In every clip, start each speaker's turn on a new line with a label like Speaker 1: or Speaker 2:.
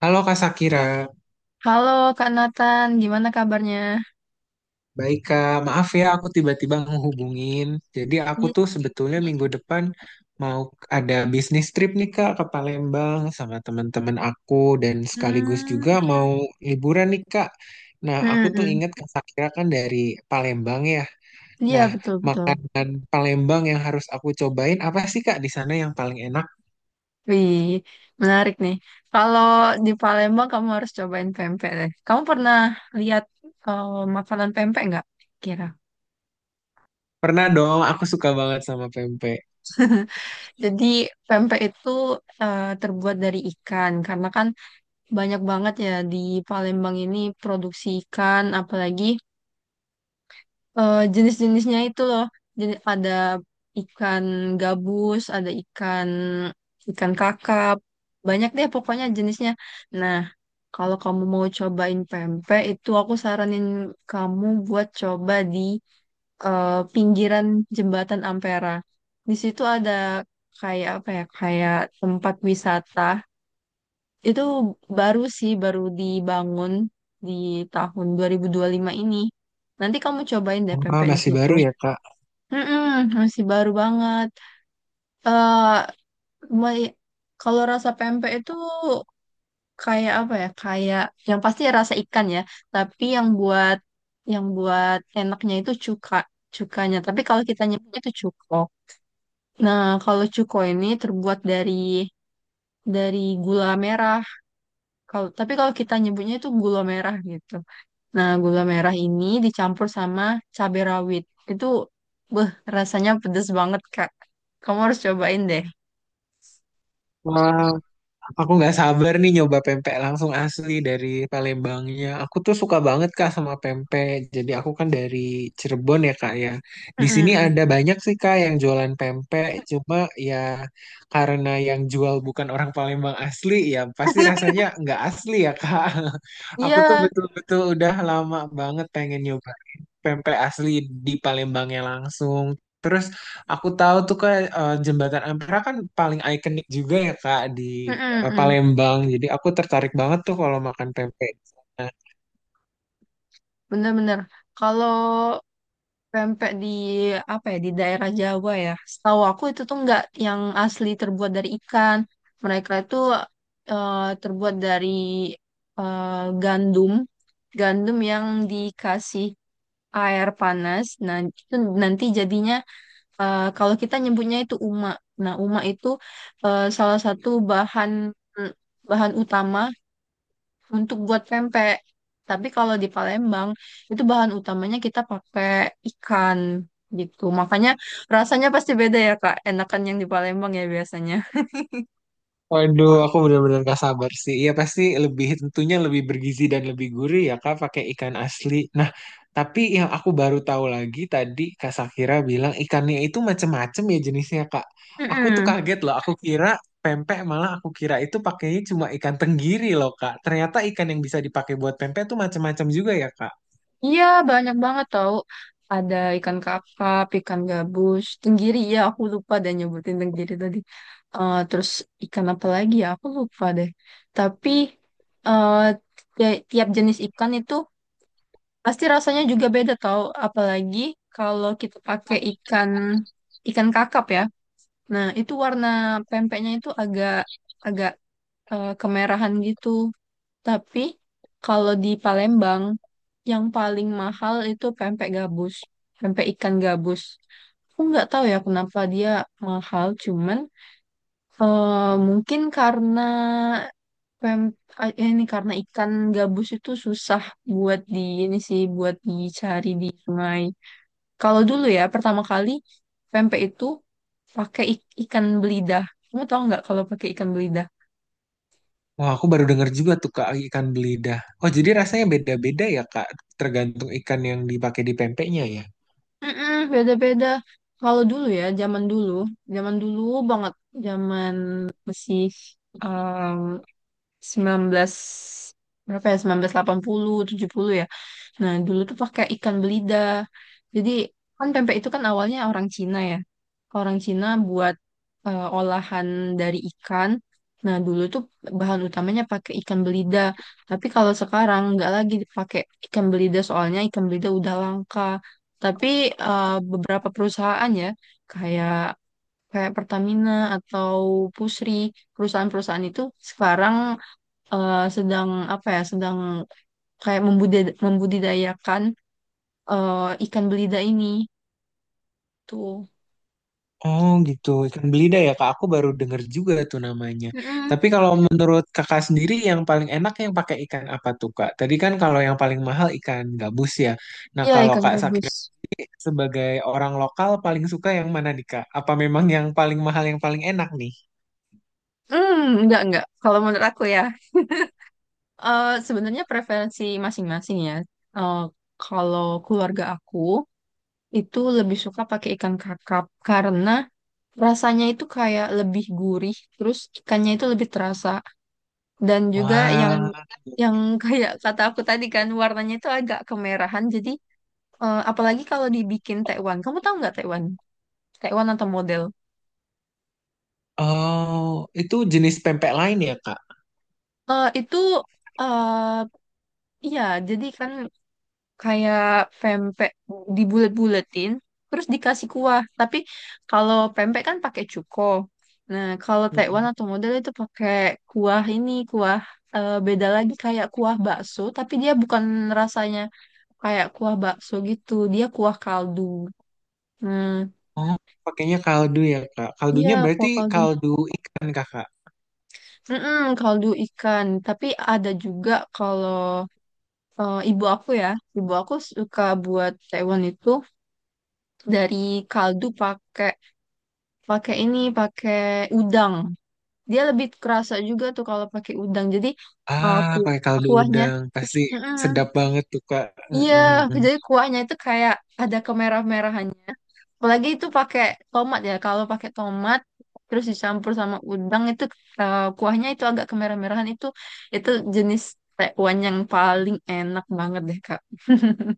Speaker 1: Halo Kak Sakira,
Speaker 2: Halo Kak Nathan, gimana kabarnya?
Speaker 1: baik Kak. Maaf ya aku tiba-tiba menghubungin. Jadi aku
Speaker 2: Iya.
Speaker 1: tuh sebetulnya minggu depan mau ada bisnis trip nih Kak ke Palembang sama teman-teman aku dan sekaligus
Speaker 2: Hmm,
Speaker 1: juga mau liburan nih Kak. Nah,
Speaker 2: hmm,
Speaker 1: aku tuh
Speaker 2: hmm.
Speaker 1: ingat Kak Sakira kan dari Palembang ya.
Speaker 2: Iya
Speaker 1: Nah,
Speaker 2: betul-betul.
Speaker 1: makanan Palembang yang harus aku cobain apa sih Kak di sana yang paling enak?
Speaker 2: Wih, menarik nih. Kalau di Palembang kamu harus cobain pempek deh. Kamu pernah lihat eh, makanan pempek nggak? Kira.
Speaker 1: Pernah dong, aku suka banget sama pempek.
Speaker 2: Jadi pempek itu terbuat dari ikan karena kan banyak banget ya di Palembang ini produksi ikan, apalagi jenis-jenisnya itu loh. Jadi ada ikan gabus, ada ikan ikan kakap, banyak deh pokoknya jenisnya. Nah, kalau kamu mau cobain pempek itu aku saranin kamu buat coba di eh, pinggiran jembatan Ampera. Di situ ada kayak apa ya, kayak tempat wisata. Itu baru sih, baru dibangun di tahun dua dua ribu dua puluh lima ini. Nanti kamu cobain deh
Speaker 1: Wah,
Speaker 2: pempek di
Speaker 1: masih
Speaker 2: situ.
Speaker 1: baru ya Kak.
Speaker 2: Mm-mm, masih baru banget. eh me- Kalau rasa pempek itu kayak apa ya? Kayak yang pasti rasa ikan ya. Tapi yang buat enaknya itu cukanya. Tapi kalau kita nyebutnya itu cuko. Nah, kalau cuko ini terbuat dari gula merah. Tapi kalau kita nyebutnya itu gula merah gitu. Nah, gula merah ini dicampur sama cabai rawit. Itu, beh, rasanya pedes banget, Kak. Kamu harus cobain deh.
Speaker 1: Wah, Aku nggak sabar nih nyoba pempek langsung asli dari Palembangnya. Aku tuh suka banget Kak sama pempek. Jadi aku kan dari Cirebon ya Kak ya. Di
Speaker 2: Mm-mm,
Speaker 1: sini
Speaker 2: mm.
Speaker 1: ada banyak sih Kak yang jualan pempek. Cuma ya karena yang jual bukan orang Palembang asli ya pasti rasanya nggak asli ya Kak. Aku tuh
Speaker 2: Iya,
Speaker 1: betul-betul udah lama banget pengen nyoba pempek asli di Palembangnya langsung. Terus aku tahu tuh kak Jembatan Ampera kan paling ikonik juga ya Kak di
Speaker 2: mm-mm, mm.
Speaker 1: Palembang. Jadi aku tertarik banget tuh kalau makan pempek di sana.
Speaker 2: Bener-bener. Kalau pempek di apa ya di daerah Jawa ya, setahu aku itu tuh nggak yang asli terbuat dari ikan. Mereka itu eh, terbuat dari eh, gandum, gandum yang dikasih air panas. Nah itu nanti jadinya kalau kita nyebutnya itu uma. Nah uma itu salah satu bahan bahan utama untuk buat pempek. Tapi kalau di Palembang itu bahan utamanya kita pakai ikan gitu. Makanya rasanya pasti beda ya Kak. Enakan yang di Palembang ya biasanya.
Speaker 1: Waduh, aku benar-benar gak sabar sih. Iya pasti lebih tentunya lebih bergizi dan lebih gurih ya Kak pakai ikan asli. Nah, tapi yang aku baru tahu lagi tadi Kak Sakira bilang ikannya itu macem-macem ya jenisnya Kak. Aku tuh
Speaker 2: Mm-mm.
Speaker 1: kaget loh. Aku kira pempek malah aku kira itu pakainya cuma ikan tenggiri loh Kak. Ternyata ikan yang bisa dipakai buat pempek tuh macem-macem juga ya Kak.
Speaker 2: Iya banyak banget tau. Ada ikan kakap, ikan gabus, tenggiri ya aku lupa dan nyebutin tenggiri tadi. Terus ikan apa lagi ya aku lupa deh. Tapi eh, tiap jenis ikan itu pasti rasanya juga beda tau, apalagi kalau kita pakai ikan ikan kakap ya. Nah, itu warna pempeknya itu agak agak kemerahan gitu. Tapi kalau di Palembang yang paling mahal itu pempek gabus, pempek ikan gabus. Aku nggak tahu ya kenapa dia mahal, cuman mungkin karena Pem ini karena ikan gabus itu susah buat di ini sih buat dicari di sungai. Kalau dulu ya pertama kali pempek itu pakai ikan belidah. Kamu tahu nggak kalau pakai ikan belidah?
Speaker 1: Wah, aku baru denger juga tuh Kak ikan belida. Oh, jadi rasanya beda-beda ya Kak, tergantung ikan yang dipakai di pempeknya ya.
Speaker 2: Mm-mm, beda-beda. Kalau dulu ya zaman dulu banget, zaman masih um, 19 berapa ya sembilan belas delapan puluh tujuh puluh ya. Nah, dulu tuh pakai ikan belida. Jadi kan pempek itu kan awalnya orang Cina ya. Orang Cina buat olahan dari ikan. Nah, dulu tuh bahan utamanya pakai ikan belida. Tapi kalau sekarang nggak lagi dipakai ikan belida soalnya ikan belida udah langka. Tapi beberapa perusahaan ya kayak kayak Pertamina atau Pusri, perusahaan-perusahaan itu sekarang sedang apa ya, sedang kayak membudidayakan eh, ikan belida ini tuh.
Speaker 1: Oh gitu, ikan belida ya kak. Aku baru denger juga tuh namanya.
Speaker 2: Mm-mm.
Speaker 1: Tapi kalau menurut kakak sendiri yang paling enak yang pakai ikan apa tuh kak? Tadi kan kalau yang paling mahal ikan gabus ya. Nah
Speaker 2: Iya,
Speaker 1: kalau
Speaker 2: ikan
Speaker 1: kak
Speaker 2: gabus.
Speaker 1: Sakira sebagai orang lokal paling suka yang mana nih kak? Apa memang yang paling mahal yang paling enak nih?
Speaker 2: Hmm, enggak, enggak. Kalau menurut aku ya, sebenarnya preferensi masing-masing ya. Eh, Kalau keluarga aku itu lebih suka pakai ikan kakap karena rasanya itu kayak lebih gurih, terus ikannya itu lebih terasa. Dan juga yang
Speaker 1: Wah,
Speaker 2: yang kayak kata aku tadi kan warnanya itu agak kemerahan. Jadi apalagi kalau dibikin tekwan. Kamu tahu nggak tekwan? Tekwan atau model?
Speaker 1: oh itu jenis pempek lain ya kak?
Speaker 2: Itu eh iya, jadi kan kayak pempek dibulet-buletin terus dikasih kuah. Tapi kalau pempek kan pakai cuko. Nah, kalau Taiwan
Speaker 1: Mm-mm.
Speaker 2: atau model itu pakai kuah ini kuah beda lagi kayak kuah bakso. Tapi dia bukan rasanya kayak kuah bakso gitu, dia kuah kaldu. hmm
Speaker 1: Ah, pakainya kaldu ya, Kak.
Speaker 2: iya,
Speaker 1: Kaldunya berarti
Speaker 2: kuah kaldu.
Speaker 1: kaldu ikan, Kakak.
Speaker 2: Mm-mm, kaldu ikan tapi ada juga kalau eh, ibu aku ya, ibu aku suka buat taiwan itu dari kaldu pakai pakai ini, pakai udang. Dia lebih kerasa juga tuh kalau pakai udang. Jadi eh,
Speaker 1: Ah,
Speaker 2: ku-
Speaker 1: pakai kaldu
Speaker 2: kuahnya,
Speaker 1: udang. Pasti
Speaker 2: Mm-mm.
Speaker 1: sedap banget tuh, Kak.
Speaker 2: Iya,
Speaker 1: Mm-mm, mm.
Speaker 2: jadi kuahnya itu kayak ada kemerah-merahannya. Apalagi itu pakai tomat ya. Kalau pakai tomat terus dicampur sama udang itu kuahnya itu agak kemerah-merahan itu jenis Taiwan yang paling enak banget deh Kak.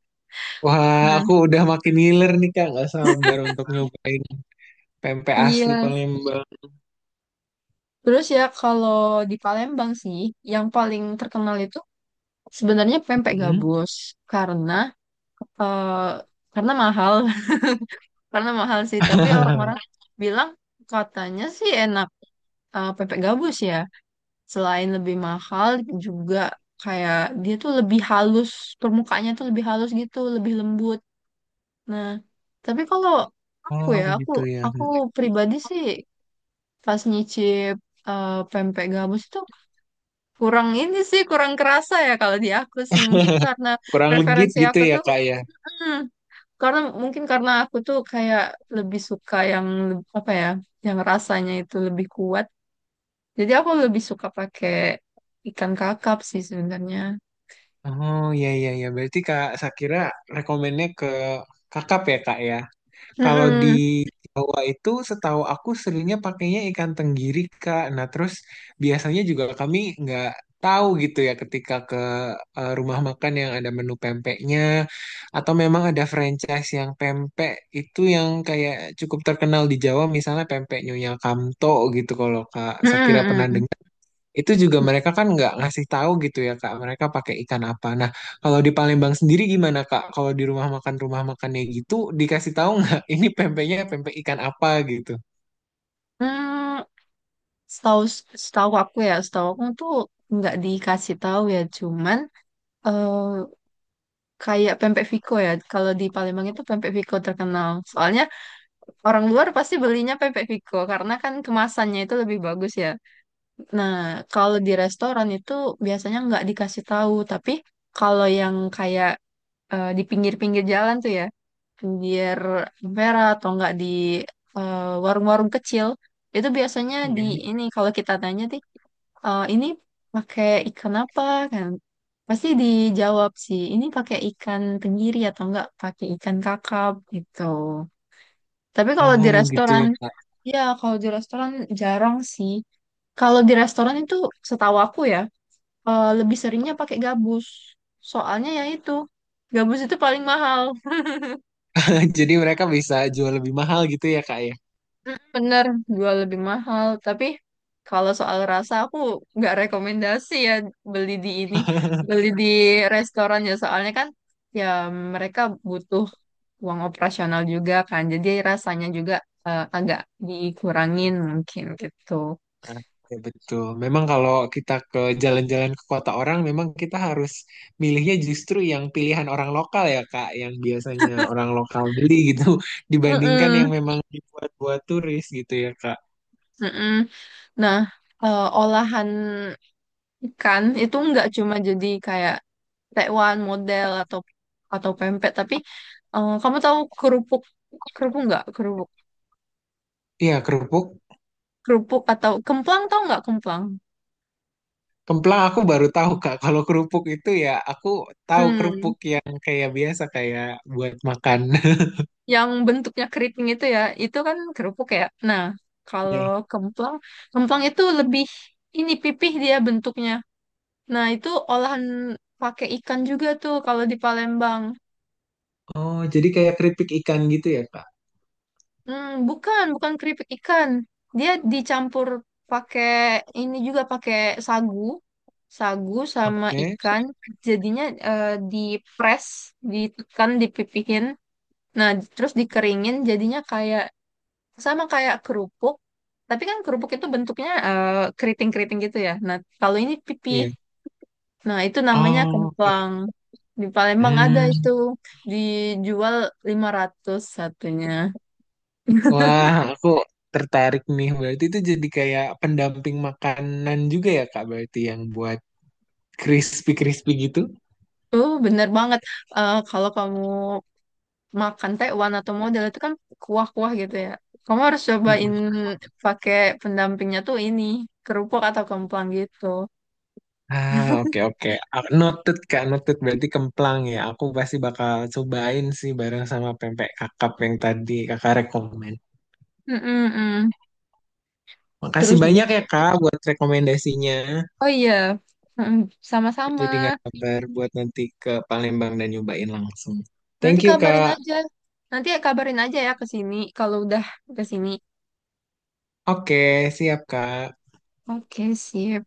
Speaker 1: Wah,
Speaker 2: Hmm.
Speaker 1: aku udah makin ngiler nih, Kak. Nggak sabar untuk nyobain pempek asli
Speaker 2: Iya.
Speaker 1: Palembang.
Speaker 2: Terus ya kalau di Palembang sih, yang paling terkenal itu sebenarnya pempek
Speaker 1: Mm.
Speaker 2: gabus karena eh, karena mahal, karena mahal sih. Tapi orang-orang bilang katanya sih enak pempek gabus ya. Selain lebih mahal juga kayak dia tuh lebih halus, permukaannya tuh lebih halus gitu, lebih lembut. Nah, tapi kalau aku
Speaker 1: Oh,
Speaker 2: ya, aku
Speaker 1: gitu ya.
Speaker 2: aku pribadi sih pas nyicip pempek gabus itu kurang ini sih, kurang kerasa ya kalau di aku sih. Mungkin karena
Speaker 1: Kurang legit
Speaker 2: preferensi
Speaker 1: gitu
Speaker 2: aku
Speaker 1: ya,
Speaker 2: tuh,
Speaker 1: Kak, ya.
Speaker 2: hmm, karena mungkin karena aku tuh kayak lebih suka yang apa ya, yang rasanya itu lebih kuat. Jadi aku lebih suka pakai ikan kakap sih sebenarnya.
Speaker 1: Oh, iya, iya, iya. Berarti Kak Sakira rekomennya ke Kakak ya, Kak, ya? Kalau di
Speaker 2: Mm-mm.
Speaker 1: Jawa itu setahu aku seringnya pakainya ikan tenggiri, Kak. Nah, terus biasanya juga kami nggak tahu gitu ya ketika ke rumah makan yang ada menu pempeknya atau memang ada franchise yang pempek itu yang kayak cukup terkenal di Jawa misalnya pempek Nyonya Kamto gitu kalau Kak Sakira pernah
Speaker 2: Mm-mm.
Speaker 1: itu juga mereka kan nggak ngasih tahu gitu ya Kak, mereka pakai ikan apa. Nah, kalau di Palembang sendiri gimana Kak? Kalau di rumah makan rumah makannya gitu dikasih tahu nggak ini pempeknya pempek ikan apa gitu?
Speaker 2: Hmm, setahu setahu aku ya, setahu aku tuh nggak dikasih tahu ya, cuman eh kayak pempek Viko ya. Kalau di Palembang itu pempek Viko terkenal. Soalnya orang luar pasti belinya pempek Vico karena kan kemasannya itu lebih bagus ya. Nah, kalau di restoran itu biasanya nggak dikasih tahu, tapi kalau yang kayak di pinggir-pinggir jalan tuh ya, pinggir Ampera atau nggak di eh, warung-warung kecil, itu biasanya di
Speaker 1: Mm.
Speaker 2: ini kalau kita tanya sih, "Eh, ini pakai ikan apa kan?" Pasti dijawab sih, ini pakai ikan tenggiri atau enggak pakai ikan kakap gitu. Tapi kalau di
Speaker 1: Oh gitu
Speaker 2: restoran
Speaker 1: ya Kak.
Speaker 2: Ya, kalau di restoran jarang sih. Kalau di restoran itu setahu aku ya, lebih seringnya pakai gabus. Soalnya ya itu, gabus itu paling mahal.
Speaker 1: Jadi mereka bisa jual lebih mahal gitu ya Kak ya?
Speaker 2: Bener, jual lebih mahal. Tapi kalau soal rasa aku nggak rekomendasi ya beli di ini, beli di restoran ya. Soalnya kan ya mereka butuh uang operasional juga kan. Jadi rasanya juga agak dikurangin mungkin gitu.
Speaker 1: Ah, Ya betul. Memang kalau kita ke jalan-jalan ke kota orang, memang kita harus milihnya justru yang pilihan orang lokal ya Kak, yang biasanya orang lokal beli gitu, dibandingkan
Speaker 2: Mm-mm.
Speaker 1: yang memang dibuat-buat turis gitu ya Kak.
Speaker 2: Mm-mm. Nah, olahan ikan itu nggak cuma jadi kayak tekwan model atau pempek, tapi kamu tahu kerupuk kerupuk nggak kerupuk
Speaker 1: Iya, kerupuk.
Speaker 2: kerupuk atau kemplang tahu nggak kemplang?
Speaker 1: Kemplang aku baru tahu, Kak. Kalau kerupuk itu ya, aku tahu
Speaker 2: Hmm,
Speaker 1: kerupuk yang kayak biasa, kayak buat makan.
Speaker 2: yang bentuknya keriting itu ya, itu kan kerupuk ya. Nah, kalau
Speaker 1: Ya.
Speaker 2: kemplang, kemplang itu lebih ini pipih dia bentuknya. Nah, itu olahan pakai ikan juga tuh kalau di Palembang.
Speaker 1: Oh, jadi kayak keripik ikan gitu ya, Kak?
Speaker 2: Hmm, bukan, bukan keripik ikan. Dia dicampur pakai ini juga pakai sagu, sagu sama
Speaker 1: Oke.
Speaker 2: ikan. Jadinya eh, dipres, ditekan, dipipihin. Nah, terus dikeringin. Jadinya kayak sama kayak kerupuk. Tapi kan kerupuk itu bentuknya keriting-keriting gitu ya. Nah, kalau ini pipih.
Speaker 1: Iya.
Speaker 2: Nah, itu namanya
Speaker 1: Oh, oke.
Speaker 2: kemplang. Di Palembang ada
Speaker 1: Hmm.
Speaker 2: itu. Dijual 500 satunya.
Speaker 1: Wah, aku tertarik nih. Berarti itu jadi kayak pendamping makanan juga ya, Kak? Berarti yang buat crispy-crispy gitu?
Speaker 2: Oh, bener banget. Kalau kamu makan Taiwan atau model itu kan kuah-kuah gitu ya. Kamu harus cobain pakai pendampingnya tuh ini, kerupuk atau kemplang gitu.
Speaker 1: Ah, oke oke. Ah, Noted Kak, noted berarti kemplang ya. Aku pasti bakal cobain sih bareng sama pempek kakap yang tadi Kakak rekomen.
Speaker 2: Mm-mm-mm.
Speaker 1: Makasih
Speaker 2: Terus
Speaker 1: banyak ya
Speaker 2: juga.
Speaker 1: Kak buat rekomendasinya.
Speaker 2: Oh iya, Mm-mm.
Speaker 1: Aku
Speaker 2: Sama-sama.
Speaker 1: jadi nggak sabar buat nanti ke Palembang dan nyobain langsung.
Speaker 2: Nanti
Speaker 1: Thank you
Speaker 2: kabarin
Speaker 1: Kak.
Speaker 2: aja. Nanti ya kabarin aja ya ke sini kalau udah ke sini.
Speaker 1: Oke, siap Kak.
Speaker 2: Oke, sip.